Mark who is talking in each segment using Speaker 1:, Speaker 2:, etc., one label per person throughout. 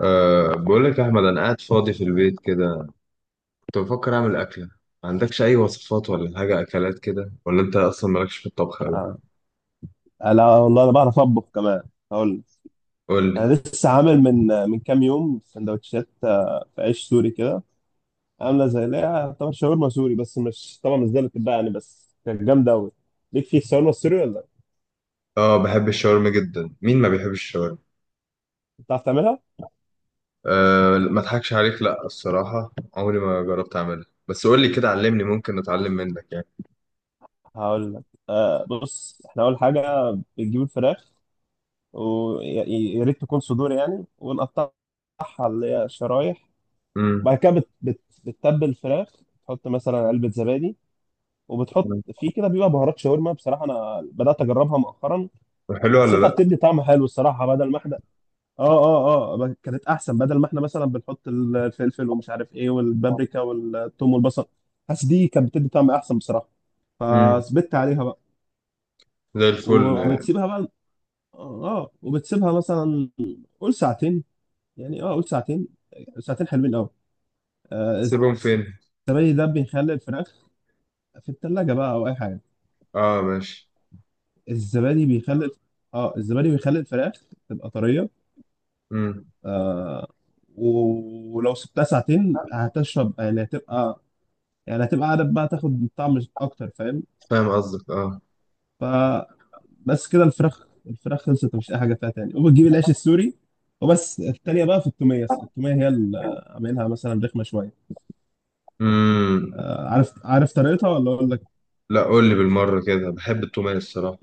Speaker 1: بقول لك يا أحمد، أنا قاعد فاضي في البيت كده. كنت بفكر أعمل أكلة. ما عندكش أي وصفات ولا حاجة أكلات كده، ولا أنت أصلا مالكش في الطبخ أوي؟
Speaker 2: آه. لا والله انا بعرف اطبخ كمان، هقول لك.
Speaker 1: قول لي.
Speaker 2: انا لسه عامل من كام يوم سندوتشات، في عيش سوري كده، عامله زي اللي هي طبعا شاورما سوري، بس مش طبعا مش زي اللي بتتباع يعني، بس كانت جامده قوي. ليك في الشاورما السوري ولا لأ؟
Speaker 1: أه بحب الشاورما جدا، مين ما بيحبش الشاورما؟
Speaker 2: بتعرف تعملها؟
Speaker 1: أه ما أضحكش عليك، لأ الصراحة عمري ما جربت أعملها، بس قول لي كده علمني، ممكن أتعلم منك يعني.
Speaker 2: هقول لك. بص، احنا اول حاجه بنجيب الفراخ، ويا ريت تكون صدور يعني، ونقطعها اللي هي شرايح.
Speaker 1: امم.
Speaker 2: بعد كده بتتبل الفراخ، تحط مثلا علبه زبادي، وبتحط فيه كده، بيبقى بهارات شاورما. بصراحه انا بدات اجربها مؤخرا،
Speaker 1: حلو ولا
Speaker 2: حسيتها
Speaker 1: لأ؟
Speaker 2: بتدي طعم حلو الصراحه، بدل ما احنا اه كانت احسن. بدل ما احنا مثلا بنحط الفلفل ومش عارف ايه والبابريكا والثوم والبصل، حاسس دي كانت بتدي طعم احسن بصراحه،
Speaker 1: امم.
Speaker 2: فثبت عليها بقى.
Speaker 1: زي الفل آه.
Speaker 2: وبتسيبها بقى، اه وبتسيبها مثلا قول ساعتين، يعني قول ساعتين، ساعتين حلوين قوي. آه،
Speaker 1: سيبهم فين؟
Speaker 2: الزبادي ده بيخلي الفراخ في الثلاجه بقى او اي حاجه.
Speaker 1: أه ماشي.
Speaker 2: الزبادي بيخلي، اه الزبادي بيخلي الفراخ تبقى طرية.
Speaker 1: امم.
Speaker 2: آه، ولو سبتها ساعتين هتشرب يعني، هتبقى يعني هتبقى قاعدة بقى تاخد طعم أكتر، فاهم؟
Speaker 1: فاهم قصدك أه.
Speaker 2: فبس كده الفراخ، الفراخ خلصت مفيش أي حاجة فيها تاني، وبتجيب العيش السوري. وبس التانية بقى في التومية، التومية هي اللي عاملينها مثلا رخمة شوية.
Speaker 1: امم.
Speaker 2: آه، عارف طريقتها ولا أقول لك؟
Speaker 1: لأ قول لي بالمرة كده، بحب التومية الصراحة.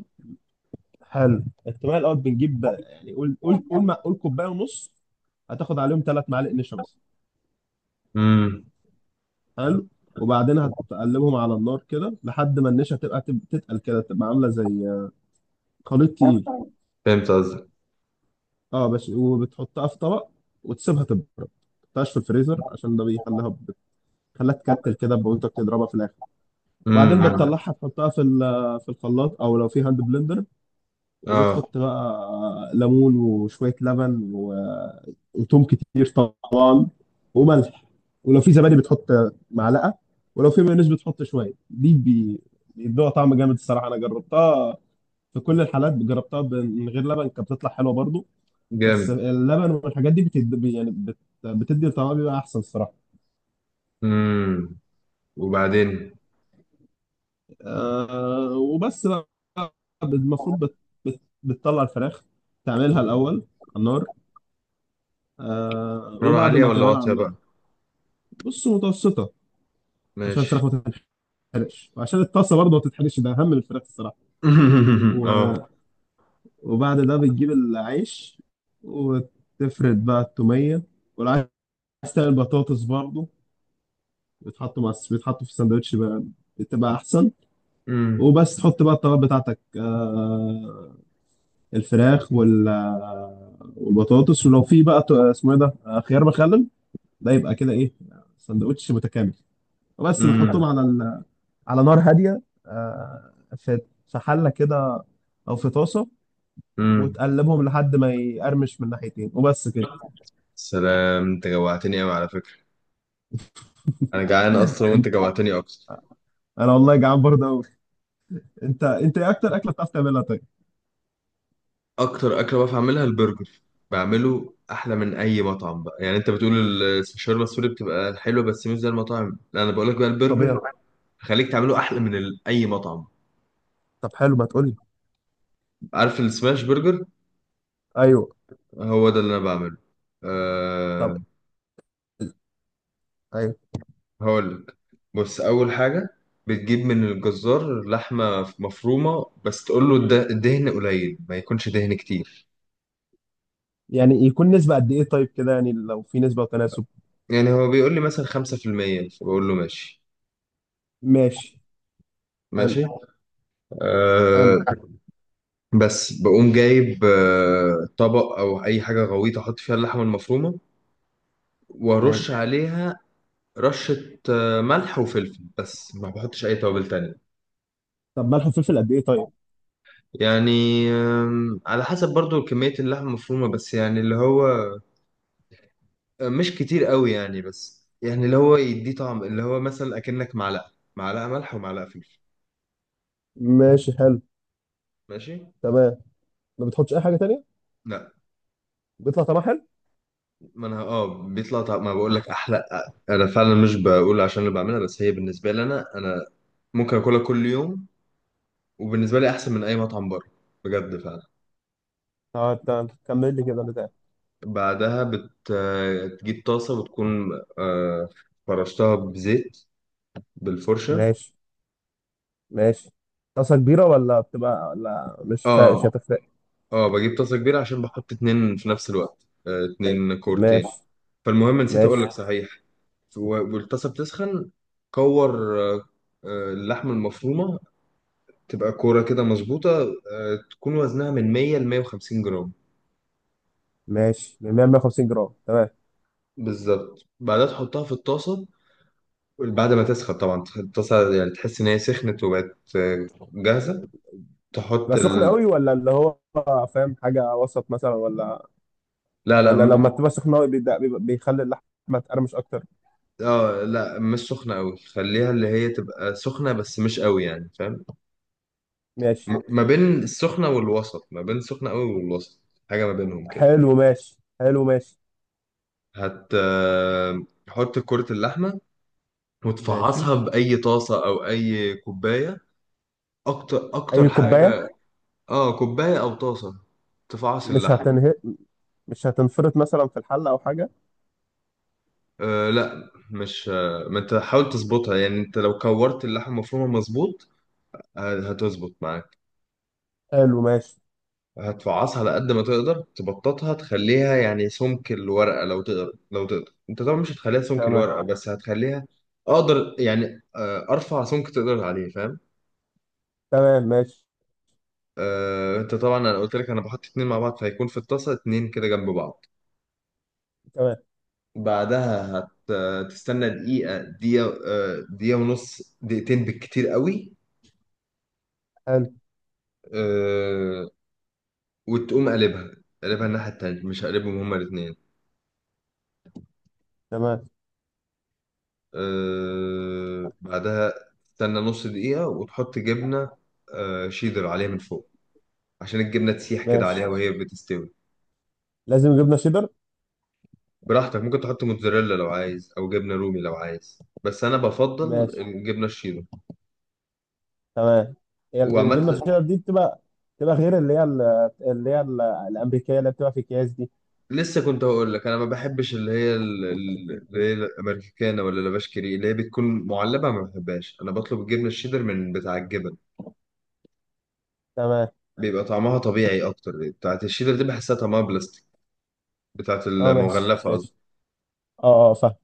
Speaker 2: حلو. التومية الأول بنجيب يعني قول كوباية ونص، هتاخد عليهم ثلاث معالق نشا بس.
Speaker 1: امم.
Speaker 2: حلو. وبعدين هتقلبهم على النار كده لحد ما النشا تبقى تتقل كده، تبقى عامله زي خليط تقيل.
Speaker 1: فهمت قصدك.
Speaker 2: اه بس. وبتحطها في طبق وتسيبها تبرد، ما تحطهاش في الفريزر عشان ده بيخليها، بتخليها تكتل كده، وانت بتضربها في الاخر. وبعدين
Speaker 1: معنى أمم.
Speaker 2: بتطلعها تحطها في في الخلاط، او لو في هاند بلندر،
Speaker 1: اه.
Speaker 2: وبتحط بقى ليمون وشويه لبن وتوم كتير وملح، ولو في زبادي بتحط معلقه، ولو في مايونيز بتحط شويه. دي بيدوها طعم جامد الصراحه، انا جربتها في كل الحالات. جربتها من غير لبن كانت بتطلع حلوه برضو، بس
Speaker 1: جامد.
Speaker 2: اللبن والحاجات دي بتدي يعني، بتدي طعمها بيبقى احسن الصراحه.
Speaker 1: امم. وبعدين؟
Speaker 2: أه وبس بقى، المفروض بت- بتطلع الفراخ تعملها الاول على النار. أه
Speaker 1: نار
Speaker 2: وبعد
Speaker 1: عالية
Speaker 2: ما
Speaker 1: ولا
Speaker 2: تعملها على
Speaker 1: واطية
Speaker 2: النار،
Speaker 1: بقى؟
Speaker 2: بص، متوسطه، عشان
Speaker 1: ماشي.
Speaker 2: الفراخ ما تتحرقش وعشان الطاسه برضه ما تتحرقش، ده اهم من الفراخ الصراحه. و...
Speaker 1: اه.
Speaker 2: وبعد ده بتجيب العيش وتفرد بقى التومية والعيش، تعمل بطاطس برضه بيتحطوا مع، بيتحطوا في الساندوتش بقى، بتبقى أحسن.
Speaker 1: امم.
Speaker 2: وبس تحط بقى الطلبات بتاعتك، آه، الفراخ وال، آه، والبطاطس، ولو في بقى اسمه ايه ده، آه، خيار مخلل، ده يبقى كده ايه، ساندوتش متكامل. وبس بتحطهم
Speaker 1: امم.
Speaker 2: على ال... على نار هادية، آه، في في حلة كده أو في طاسة،
Speaker 1: امم.
Speaker 2: وتقلبهم لحد ما يقرمش من ناحيتين وبس كده.
Speaker 1: سلام، انت جوعتني قوي على فكرة. انا جعان اصلا وانت جوعتني اكتر.
Speaker 2: انا والله جعان برضه قوي. انت ايه اكتر اكله بتعرف تعملها طيب؟
Speaker 1: اكتر اكلة بعرف اعملها البرجر. بعمله احلى من اي مطعم بقى، يعني انت بتقول الشاورما السوري بتبقى حلوة بس مش زي المطاعم، لا انا بقول لك بقى
Speaker 2: طب
Speaker 1: البرجر
Speaker 2: ايه؟
Speaker 1: خليك تعمله احلى من اي مطعم.
Speaker 2: طب حلو، ما تقول لي.
Speaker 1: عارف السماش برجر؟
Speaker 2: ايوه.
Speaker 1: هو ده اللي انا بعمله.
Speaker 2: طب
Speaker 1: أه.
Speaker 2: ايوه.
Speaker 1: هقولك، بص اول حاجه بتجيب من الجزار لحمه مفرومه، بس تقول له الدهن قليل، ما يكونش دهن كتير.
Speaker 2: يعني يكون نسبه قد ايه طيب كده، يعني لو في نسبه وتناسب.
Speaker 1: يعني هو بيقول لي مثلا 5% فبقول له ماشي.
Speaker 2: ماشي. حلو.
Speaker 1: ماشي.
Speaker 2: حلو.
Speaker 1: أه. بس بقوم جايب طبق او اي حاجه غويطه، احط فيها اللحمه المفرومه وارش
Speaker 2: ماشي.
Speaker 1: عليها رشه، ملح وفلفل، بس ما بحطش اي توابل تانية.
Speaker 2: طب ملح وفلفل قد ايه طيب؟
Speaker 1: يعني على حسب برضو كمية اللحمة المفرومة، بس يعني اللي هو مش كتير قوي يعني، بس يعني اللي هو يديه طعم، اللي هو مثلا أكنك معلقة، معلقة ملح ومعلقة فلفل.
Speaker 2: ماشي، حلو.
Speaker 1: ماشي.
Speaker 2: تمام. ما بتحطش اي حاجه تانية؟
Speaker 1: لا.
Speaker 2: بيطلع طعمها حلو.
Speaker 1: ما انا اه بيطلع طعم، ما بقول لك احلى. انا فعلا مش بقول عشان اللي بعملها، بس هي بالنسبه لي انا، انا ممكن اكلها كل يوم، وبالنسبه لي احسن من اي مطعم بره، بجد فعلا.
Speaker 2: اه انت كمل لي كده اللي تاني.
Speaker 1: بعدها بتجيب طاسه، وتكون آه، فرشتها بزيت بالفرشه.
Speaker 2: ماشي. ماشي. طاسه كبيره ولا بتبقى، ولا مش فا... مش
Speaker 1: اه.
Speaker 2: هتفرق؟
Speaker 1: اه بجيب طاسه كبيره عشان بحط اتنين في نفس الوقت، اتنين كورتين.
Speaker 2: ماشي.
Speaker 1: فالمهم نسيت اقول
Speaker 2: ماشي.
Speaker 1: لك صحيح، والطاسه بتسخن. كور اللحمه المفرومه تبقى كوره كده مظبوطه، تكون وزنها من 100 ل 150 جرام.
Speaker 2: ماشي. 150 جرام، تمام.
Speaker 1: بالظبط بعدها تحطها في الطاسه، بعد ما تسخن طبعا الطاسه، يعني تحس ان هي سخنت وبقت جاهزه. تحط
Speaker 2: بقى سخنة
Speaker 1: ال...
Speaker 2: قوي، ولا اللي هو فاهم حاجة وسط مثلا، ولا
Speaker 1: لا لا
Speaker 2: ولا لما تبقى سخنة قوي بيخلي اللحمة تقرمش أكتر؟
Speaker 1: اه لا مش سخنه قوي، خليها اللي هي تبقى سخنه بس مش قوي يعني، فاهم؟
Speaker 2: ماشي.
Speaker 1: ما بين السخنة والوسط، ما بين السخنة قوي والوسط، حاجة ما بينهم كده.
Speaker 2: حلو ماشي. حلو ماشي.
Speaker 1: هت حط كرة اللحمة
Speaker 2: ماشي.
Speaker 1: وتفعصها بأي طاسة أو أي كوباية. أكتر
Speaker 2: أي
Speaker 1: أكتر
Speaker 2: كوباية؟
Speaker 1: حاجة. آه كوباية أو طاسة، تفعص
Speaker 2: مش
Speaker 1: اللحمة.
Speaker 2: هتنهي، مش هتنفرط مثلا في الحلة أو حاجة؟
Speaker 1: أه لا مش ما أنت حاول تظبطها يعني، أنت لو كورت اللحمة مفرومة مظبوط هتظبط معاك.
Speaker 2: حلو ماشي.
Speaker 1: هتفعصها على قد ما تقدر تبططها، تخليها يعني سمك الورقة لو تقدر، لو تقدر انت طبعا مش هتخليها سمك
Speaker 2: تمام.
Speaker 1: الورقة، بس هتخليها اقدر يعني، ارفع سمك تقدر عليه، فاهم؟
Speaker 2: تمام ماشي.
Speaker 1: انت طبعا انا قلت لك انا بحط اتنين مع بعض، فهيكون في الطاسة اتنين كده جنب بعض.
Speaker 2: تمام.
Speaker 1: بعدها هتستنى دقيقة دقيقة ونص، دقيقتين بالكتير قوي.
Speaker 2: حلو.
Speaker 1: آه، وتقوم قلبها، قلبها الناحية التانية، مش هقلبهم هما الاتنين.
Speaker 2: تمام.
Speaker 1: بعدها تستنى نص دقيقة وتحط جبنة شيدر عليها من فوق، عشان الجبنة تسيح كده عليها
Speaker 2: ماشي.
Speaker 1: وهي بتستوي.
Speaker 2: لازم جبنة شيدر؟
Speaker 1: براحتك ممكن تحط موتزاريلا لو عايز، أو جبنة رومي لو عايز، بس أنا بفضل
Speaker 2: ماشي.
Speaker 1: الجبنة الشيدر.
Speaker 2: تمام. هي الجبنة
Speaker 1: وعمت.
Speaker 2: الشيدر دي بتبقى، بتبقى غير اللي هي اللي هي الأمريكية اللي بتبقى في أكياس دي؟
Speaker 1: لسه كنت هقول لك، أنا ما بحبش اللي هي اللي هي الأمريكانة ولا لافاشكري، اللي هي بتكون معلبة، ما بحبهاش، أنا بطلب الجبنة الشيدر من بتاع الجبن،
Speaker 2: تمام.
Speaker 1: بيبقى طعمها طبيعي أكتر. بتاعت الشيدر دي بحسها طعمها بلاستيك، بتاعت
Speaker 2: اه ماشي
Speaker 1: المغلفة قصدي.
Speaker 2: ماشي. اه اه فاهم.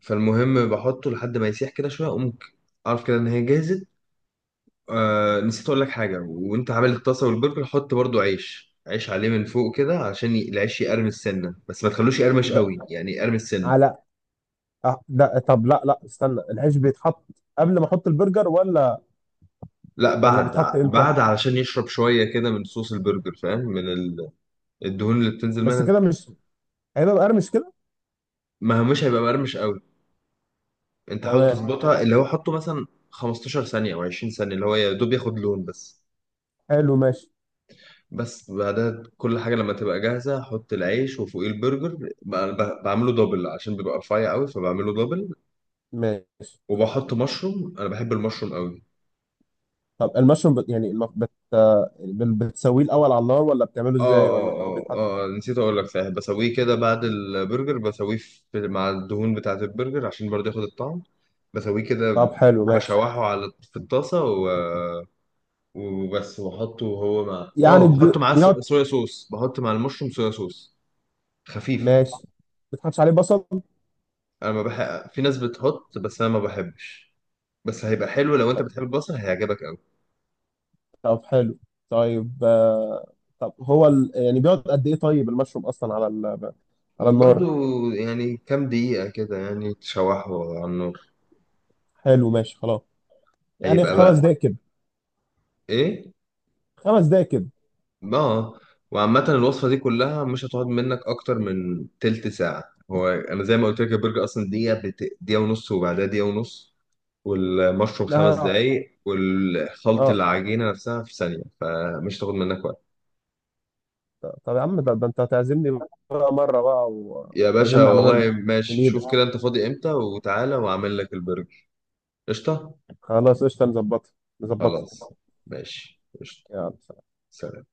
Speaker 1: فالمهم بحطه لحد ما يسيح كده شويه، اقوم اعرف كده ان هي جاهزه. آه نسيت اقول لك حاجه، وانت عامل الطاسه والبرجر حط برضو عيش عيش عليه من فوق كده، عشان العيش يقرمش سنه، بس ما تخلوش يقرمش
Speaker 2: ب-
Speaker 1: قوي، يعني يقرمش سنه.
Speaker 2: على، آه، ده طب لا لا، استنى، العيش بيتحط قبل ما احط البرجر، ولا
Speaker 1: لا
Speaker 2: ولا
Speaker 1: بعد
Speaker 2: بيتحط امتى؟
Speaker 1: بعد علشان يشرب شويه كده من صوص البرجر، فاهم؟ من الدهون اللي بتنزل
Speaker 2: بس
Speaker 1: منها.
Speaker 2: كده مش هيبقى مقرمش كده؟
Speaker 1: ما هو مش هيبقى مقرمش قوي، انت حاول
Speaker 2: تمام،
Speaker 1: تظبطها، اللي هو حطه مثلا 15 ثانيه او 20 ثانيه، اللي هو يا دوب ياخد لون بس.
Speaker 2: حلو ماشي.
Speaker 1: بس بعدها كل حاجة لما تبقى جاهزة أحط العيش وفوقيه البرجر. بعمله دبل عشان بيبقى رفيع قوي، فبعمله دبل.
Speaker 2: ماشي.
Speaker 1: وبحط مشروم، أنا بحب المشروم قوي.
Speaker 2: طب المشروم بت... يعني الم... بت... آه، بتسويه الاول على النار، ولا بتعمله ازاي، ولا هو بيتحط؟
Speaker 1: اه نسيت أقول لك صحيح، بسويه كده بعد البرجر، بسويه في مع الدهون بتاعة البرجر عشان برضه ياخد الطعم. بسويه كده،
Speaker 2: طب حلو ماشي.
Speaker 1: بشوحه على في الطاسة و... وبس، وبحطه هو مع
Speaker 2: يعني
Speaker 1: اه بحط
Speaker 2: بي...
Speaker 1: معاه
Speaker 2: بيقعد.
Speaker 1: صويا صوص، بحط مع المشروم صويا صوص خفيف.
Speaker 2: ماشي. ما بتحطش عليه بصل؟
Speaker 1: انا ما بحب، في ناس بتحط بس انا ما بحبش، بس هيبقى حلو لو انت
Speaker 2: طب،
Speaker 1: بتحب البصل هيعجبك قوي.
Speaker 2: طب حلو. طيب، آه، طب هو ال... يعني بيقعد قد ايه طيب المشروم اصلا على ال... على
Speaker 1: برضو،
Speaker 2: النار؟
Speaker 1: يعني كام دقيقة كده يعني تشوحه على النار،
Speaker 2: حلو ماشي خلاص. يعني
Speaker 1: هيبقى خلاص
Speaker 2: خمس
Speaker 1: بقى.
Speaker 2: دقايق كده؟
Speaker 1: ايه؟
Speaker 2: خمس دقايق كده.
Speaker 1: اه. وعامة الوصفة دي كلها مش هتقعد منك اكتر من تلت ساعة، هو انا زي ما قلت لك البرجر اصلا دقيقة بت... دقيقة ونص وبعدها دقيقة ونص، والمشروم
Speaker 2: ده
Speaker 1: خمس
Speaker 2: هيعطل.
Speaker 1: دقايق، والخلط
Speaker 2: اه
Speaker 1: العجينة نفسها في ثانية، فمش هتاخد منك وقت.
Speaker 2: طب يا عم، ده، ده انت هتعزمني بقى مرة بقى
Speaker 1: يا باشا
Speaker 2: وتعزمني على برجر؟
Speaker 1: والله
Speaker 2: من
Speaker 1: ماشي، شوف
Speaker 2: ايدك.
Speaker 1: كده انت فاضي امتى وتعالى واعمل لك البرجر. قشطة.
Speaker 2: خلاص قشطة، نظبطها، نظبطها.
Speaker 1: خلاص ماشي قشطة.
Speaker 2: يلا.
Speaker 1: سلام.